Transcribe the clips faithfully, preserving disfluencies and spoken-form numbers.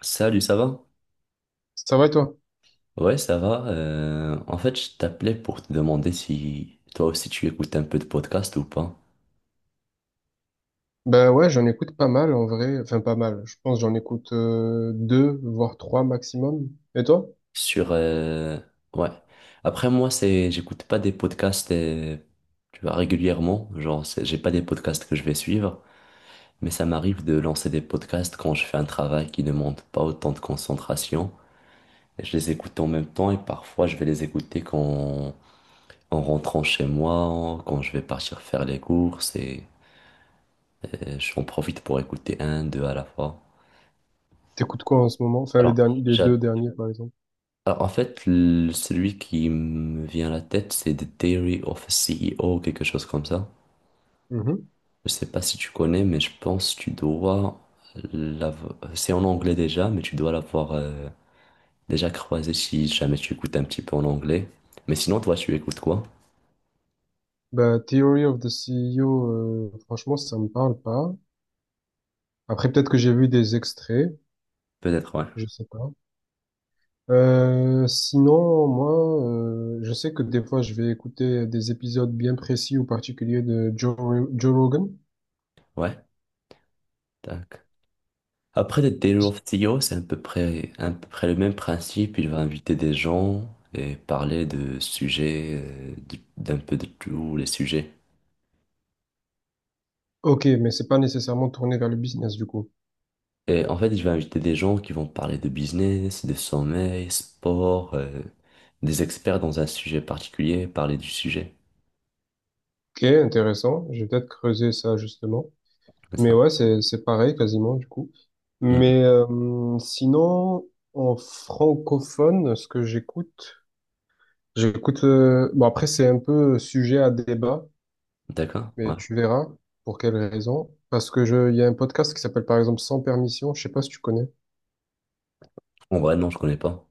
Salut, ça va? Ça va et toi? Ouais, ça va. Euh, en fait, je t'appelais pour te demander si toi aussi tu écoutes un peu de podcast ou pas. Ben ouais, j'en écoute pas mal en vrai. Enfin, pas mal. Je pense que j'en écoute euh, deux, voire trois maximum. Et toi? Sur, euh, ouais. Après, moi, c'est, j'écoute pas des podcasts, euh, tu vois, régulièrement. Genre, c'est- j'ai pas des podcasts que je vais suivre, mais ça m'arrive de lancer des podcasts quand je fais un travail qui demande pas autant de concentration. Et je les écoute en même temps et parfois je vais les écouter quand, en rentrant chez moi, quand je vais partir faire les courses. J'en profite pour écouter un, deux à la fois. T'écoutes quoi en ce moment? Enfin, les Alors, derni- les j'a- deux derniers, par exemple. alors, en fait, le- celui qui me vient à la tête, c'est The Diary of a C E O, quelque chose comme ça. Mhm. Je sais pas si tu connais, mais je pense que tu dois l'avoir. C'est en anglais déjà, mais tu dois l'avoir euh, déjà croisé si jamais tu écoutes un petit peu en anglais. Mais sinon, toi, tu écoutes quoi? Ben, Theory of the C E O, euh, franchement, ça me parle pas. Après, peut-être que j'ai vu des extraits, Peut-être, ouais. je sais pas. Euh, sinon, moi, euh, je sais que des fois, je vais écouter des épisodes bien précis ou particuliers de Joe, Joe Rogan. Ouais, tac. Après, le Taylor of C E O, c'est à peu près, à peu près le même principe. Il va inviter des gens et parler de sujets, euh, du- d'un peu de tous les sujets. Ok, mais c'est pas nécessairement tourné vers le business, du coup. Et en fait, il va inviter des gens qui vont parler de business, de sommeil, sport, euh, des experts dans un sujet particulier, parler du sujet. Ok, intéressant. Je vais peut-être creuser ça justement. C'est Mais ça. ouais, c'est c'est pareil quasiment du coup. Hmm. Mais euh, sinon, en francophone, ce que j'écoute, j'écoute. Euh, bon après, c'est un peu sujet à débat, D'accord, ouais. mais tu verras pour quelles raisons. Parce que je, il y a un podcast qui s'appelle par exemple Sans permission. Je sais pas si tu connais. En vrai, non, je connais pas.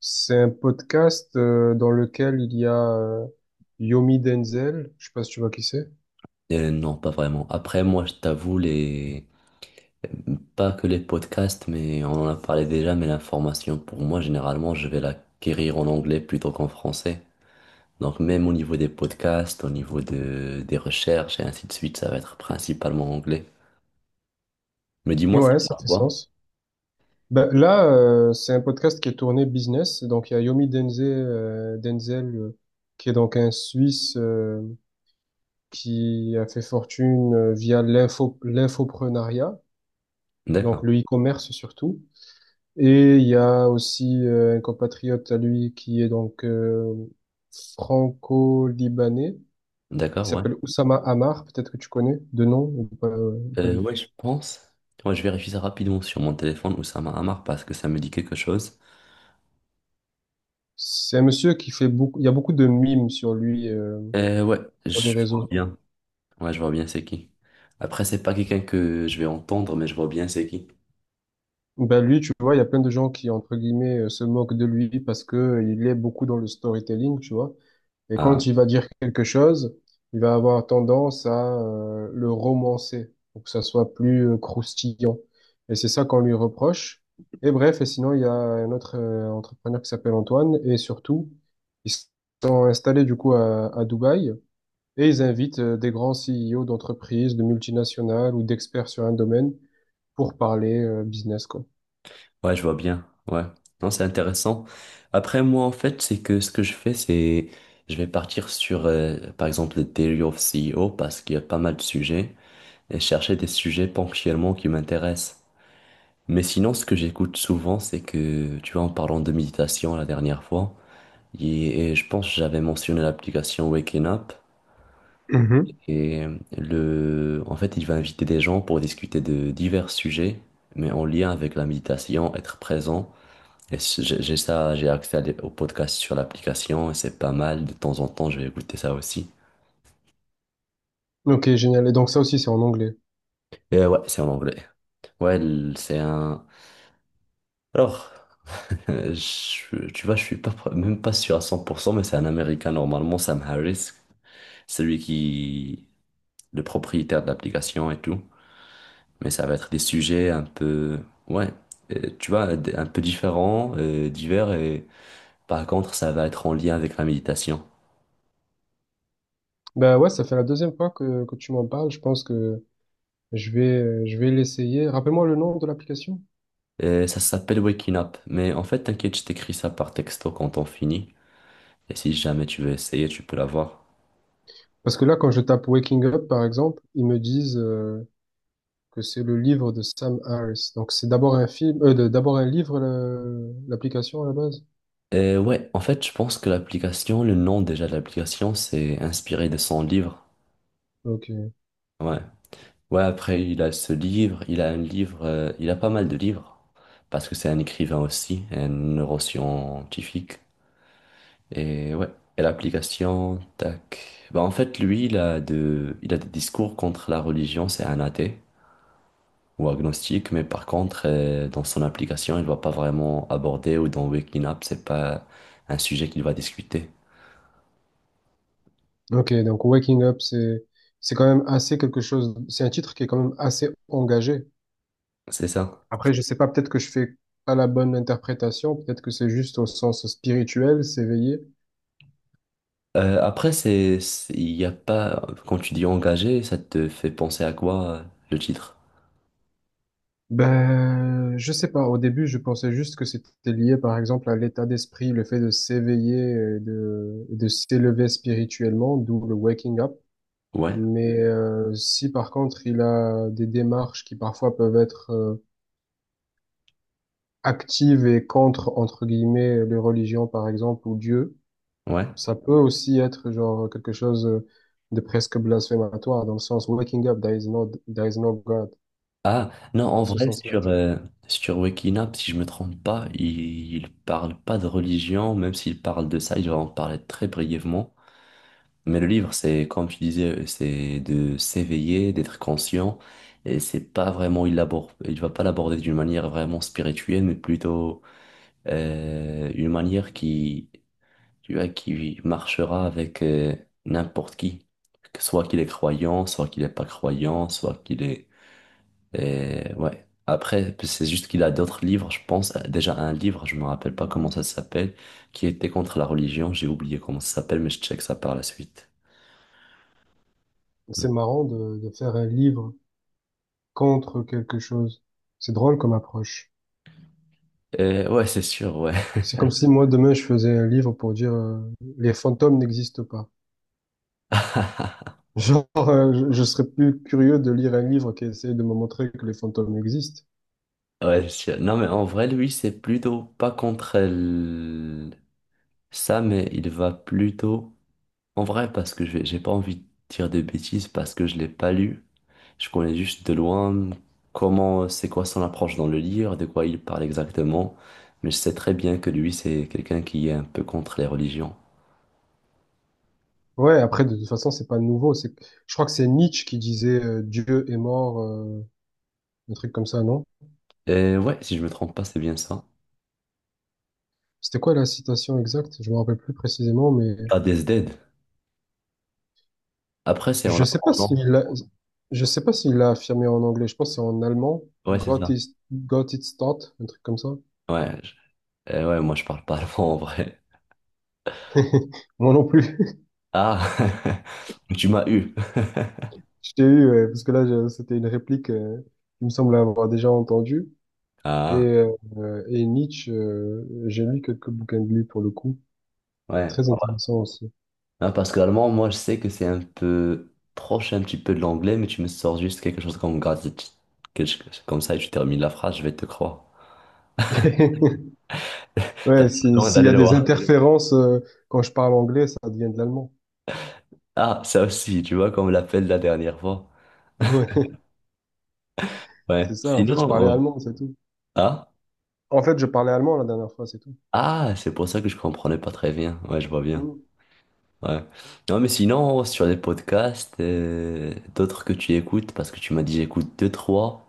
C'est un podcast euh, dans lequel il y a euh, Yomi Denzel. Je sais pas si tu vois qui c'est. Euh, non, pas vraiment. Après, moi, je t'avoue, les... Pas que les podcasts, mais on en a parlé déjà, mais l'information, pour moi, généralement, je vais l'acquérir en anglais plutôt qu'en français. Donc même au niveau des podcasts, au niveau de, des recherches et ainsi de suite, ça va être principalement anglais. Mais dis-moi, ça Ouais, ça parle fait quoi? sens. Ben, là, euh, c'est un podcast qui est tourné business. Donc, il y a Yomi Denzel, euh, Denzel euh, qui est donc un Suisse euh, qui a fait fortune euh, via l'info, l'infopreneuriat, donc D'accord, le e-commerce surtout. Et il y a aussi euh, un compatriote à lui qui est donc euh, franco-libanais, qui d'accord, ouais. s'appelle Oussama Hamar, peut-être que tu connais de nom ou pas, euh, ou pas Euh, du tout. ouais, je pense. Ouais, je vérifie ça rapidement sur mon téléphone, Oussama Hamar, parce que ça me dit quelque chose. C'est un monsieur qui fait beaucoup, il y a beaucoup de mimes sur lui euh, Euh, ouais, sur les je vois réseaux. bien. Ouais, je vois bien c'est qui. Après, c'est pas quelqu'un que je vais entendre, mais je vois bien c'est qui. Ben lui, tu vois, il y a plein de gens qui, entre guillemets, euh, se moquent de lui parce que euh, il est beaucoup dans le storytelling, tu vois. Et quand Ah. il va dire quelque chose, il va avoir tendance à euh, le romancer pour que ça soit plus euh, croustillant. Et c'est ça qu'on lui reproche. Et bref, et sinon, il y a un autre euh, entrepreneur qui s'appelle Antoine. Et surtout, ils sont installés du coup à, à Dubaï. Et ils invitent euh, des grands C E O d'entreprises, de multinationales ou d'experts sur un domaine pour parler euh, business, quoi. Ouais, je vois bien. Ouais. Non, c'est intéressant. Après, moi, en fait, c'est que ce que je fais, c'est, je vais partir sur, euh, par exemple, le Daily of C E O parce qu'il y a pas mal de sujets et chercher des sujets ponctuellement qui m'intéressent. Mais sinon, ce que j'écoute souvent, c'est que, tu vois, en parlant de méditation la dernière fois, et, et je pense que j'avais mentionné l'application Waking Up Mhm. et le, en fait, il va inviter des gens pour discuter de divers sujets, mais en lien avec la méditation, être présent. Et c- J'ai j'ai ça, j'ai accès à des- au podcast sur l'application et c'est pas mal. De temps en temps, je vais écouter ça aussi. Ok, génial. Et donc ça aussi, c'est en anglais. Et ouais, c'est en anglais. Ouais, l- c'est un. Alors, euh, je- tu vois, je suis pas, pr- même pas sûr à cent pour cent mais c'est un Américain normalement, Sam Harris. Celui qui, le propriétaire de l'application et tout. Mais ça va être des sujets un peu. Ouais, euh, tu vois, d- un peu différents, euh, divers. Et par contre, ça va être en lien avec la méditation. Ben ouais, ça fait la deuxième fois que, que tu m'en parles. Je pense que je vais, euh, je vais l'essayer. Rappelle-moi le nom de l'application. Euh, ça s'appelle Waking Up. Mais en fait, t'inquiète, je t'écris ça par texto quand on finit. Et si jamais tu veux essayer, tu peux l'avoir. Parce que là, quand je tape Waking Up, par exemple, ils me disent euh, que c'est le livre de Sam Harris. Donc, c'est d'abord un film, euh, de- d'abord un livre, le- l'application à la base. Euh, ouais, en fait, je pense que l'application, le nom déjà de l'application, c'est inspiré de son livre. Ok. Ouais. Ouais, après, il a ce livre, il a un livre, euh, il a pas mal de livres. Parce que c'est un écrivain aussi, un neuroscientifique. Et ouais. Et l'application, tac. Bah, en fait, lui, il a de, il a des discours contre la religion, c'est un athée, ou agnostique, mais par contre, euh, dans son application, il va pas vraiment aborder ou dans Waking Up, c'est pas un sujet qu'il va discuter. Ok. Donc, Waking Up, c'est, c'est quand même assez quelque chose. C'est un titre qui est quand même assez engagé. C'est ça. Après, je sais pas, peut-être que je fais pas la bonne interprétation. Peut-être que c'est juste au sens spirituel, s'éveiller. Euh, après, c'est, c'est- il y a pas, quand tu dis engagé, ça te fait penser à quoi, euh, le titre? Ben, je sais pas. Au début, je pensais juste que c'était lié, par exemple, à l'état d'esprit, le fait de s'éveiller, et de, et de s'élever spirituellement, d'où le waking up. Ouais, Mais euh, si par contre, il a des démarches qui parfois peuvent être euh, actives et contre, entre guillemets, les religions, par exemple, ou Dieu, ouais. ça peut aussi être genre quelque chose de presque blasphématoire, dans le sens waking up, there is no, there is no God, Ah, non, en dans ce vrai, sens-là. Sur, tu vois. euh, sur Waking Up, si je me trompe pas, il, il parle pas de religion, même s'il parle de ça, il va en parler très brièvement. Mais le livre, c'est, comme tu disais, c'est de s'éveiller, d'être conscient, et c'est pas vraiment, il l'aborde, il va pas l'aborder d'une manière vraiment spirituelle, mais plutôt euh, une manière qui, tu vois, qui marchera avec euh, n'importe qui, que soit qu'il est croyant, soit qu'il est pas croyant, soit qu'il est, euh, ouais. Après, c'est juste qu'il a d'autres livres, je pense, déjà un livre, je me rappelle pas comment ça s'appelle, qui était contre la religion, j'ai oublié comment ça s'appelle, mais je check ça par la suite. Hmm. C'est marrant de, de faire un livre contre quelque chose. C'est drôle comme approche. Euh, ouais, c'est sûr, ouais. C'est comme si moi, demain, je faisais un livre pour dire euh, les fantômes n'existent pas. Genre, euh, je, je serais plus curieux de lire un livre qui essaie de me montrer que les fantômes existent. Ouais, c'est sûr. Non, mais en vrai, lui, c'est plutôt pas contre elle- ça, mais il va plutôt. En vrai, parce que je vais- j'ai pas envie de dire de bêtises, parce que je l'ai pas lu. Je connais juste de loin comment, c'est quoi son approche dans le livre, de quoi il parle exactement. Mais je sais très bien que lui, c'est quelqu'un qui est un peu contre les religions. Ouais, après, de toute façon, c'est pas nouveau. C'est, je crois que c'est Nietzsche qui disait euh, Dieu est mort, euh, un truc comme ça, non? Et ouais, si je me trompe pas, c'est bien ça. C'était quoi la citation exacte? Je me rappelle plus précisément, mais Ah, Des Dead. Après, c'est en je sais allemand, pas s'il non? l'a, je sais pas s'il l'a affirmé en anglais. Je pense que c'est en allemand. Ouais, c'est Gott ça. ist, Gott ist tot, un truc comme ça. Ouais, je- euh, ouais, moi, je parle pas allemand en vrai. Moi non plus. Ah, tu m'as eu. Je t'ai eu, euh, parce que là, je- c'était une réplique euh, qu'il me semble avoir déjà entendue. Et, Ah, euh, euh, et Nietzsche, euh, j'ai lu quelques bouquins de lui pour le coup. ouais. Très intéressant aussi. Non, parce que l'allemand, moi, je sais que c'est un peu proche un petit peu de l'anglais, mais tu me sors juste quelque chose comme gratitude, quelque chose comme ça, et tu termines la phrase, je vais te croire. T'as Ouais, si- besoin s'il y d'aller a des loin. interférences, euh, quand je parle anglais, ça devient de l'allemand. Ah, ça aussi, tu vois, comme l'appel de la dernière fois. Ouais, c'est Ouais. ça. En fait, Sinon, je parlais on- allemand, c'est tout. Ah, En fait, je parlais allemand la dernière fois, c'est tout. ah, c'est pour ça que je comprenais pas très bien. Ouais, je vois bien. Mm. Ouais. Non, mais sinon, sur les podcasts, euh, d'autres que tu écoutes, parce que tu m'as dit j'écoute deux, trois.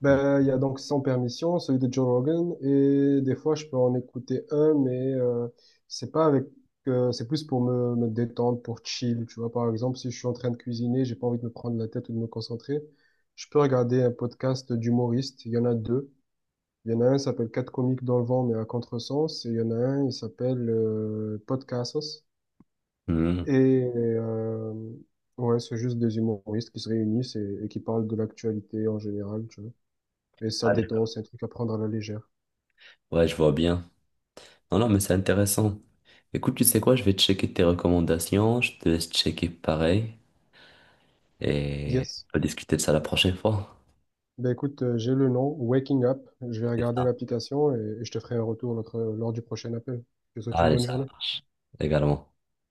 Ben, il y a donc Sans Permission, celui de Joe Rogan, et des fois je peux en écouter un, mais euh, c'est pas avec, euh, c'est plus pour me, me détendre, pour chill, tu vois. Par exemple, si je suis en train de cuisiner, j'ai pas envie de me prendre la tête ou de me concentrer, je peux regarder un podcast d'humoristes. Il y en a deux. Il y en a un qui s'appelle Quatre comiques dans le vent, mais à contresens, et il y en a un, il s'appelle euh, Podcastos. Hmm. Et euh, ouais, c'est juste des humoristes qui se réunissent et, et qui parlent de l'actualité en général, et ça détend, c'est un truc à prendre à la légère. Ouais, je vois bien. Non, non, mais c'est intéressant. Écoute, tu sais quoi, je vais checker tes recommandations, je te laisse checker pareil et Yes. on va discuter de ça la prochaine fois. Ben écoute, euh, j'ai le nom, Waking Up. Je vais C'est regarder ça. l'application et, et je te ferai un retour notre- lors du prochain appel. Je te souhaite une Allez, bonne ça journée. marche. Également.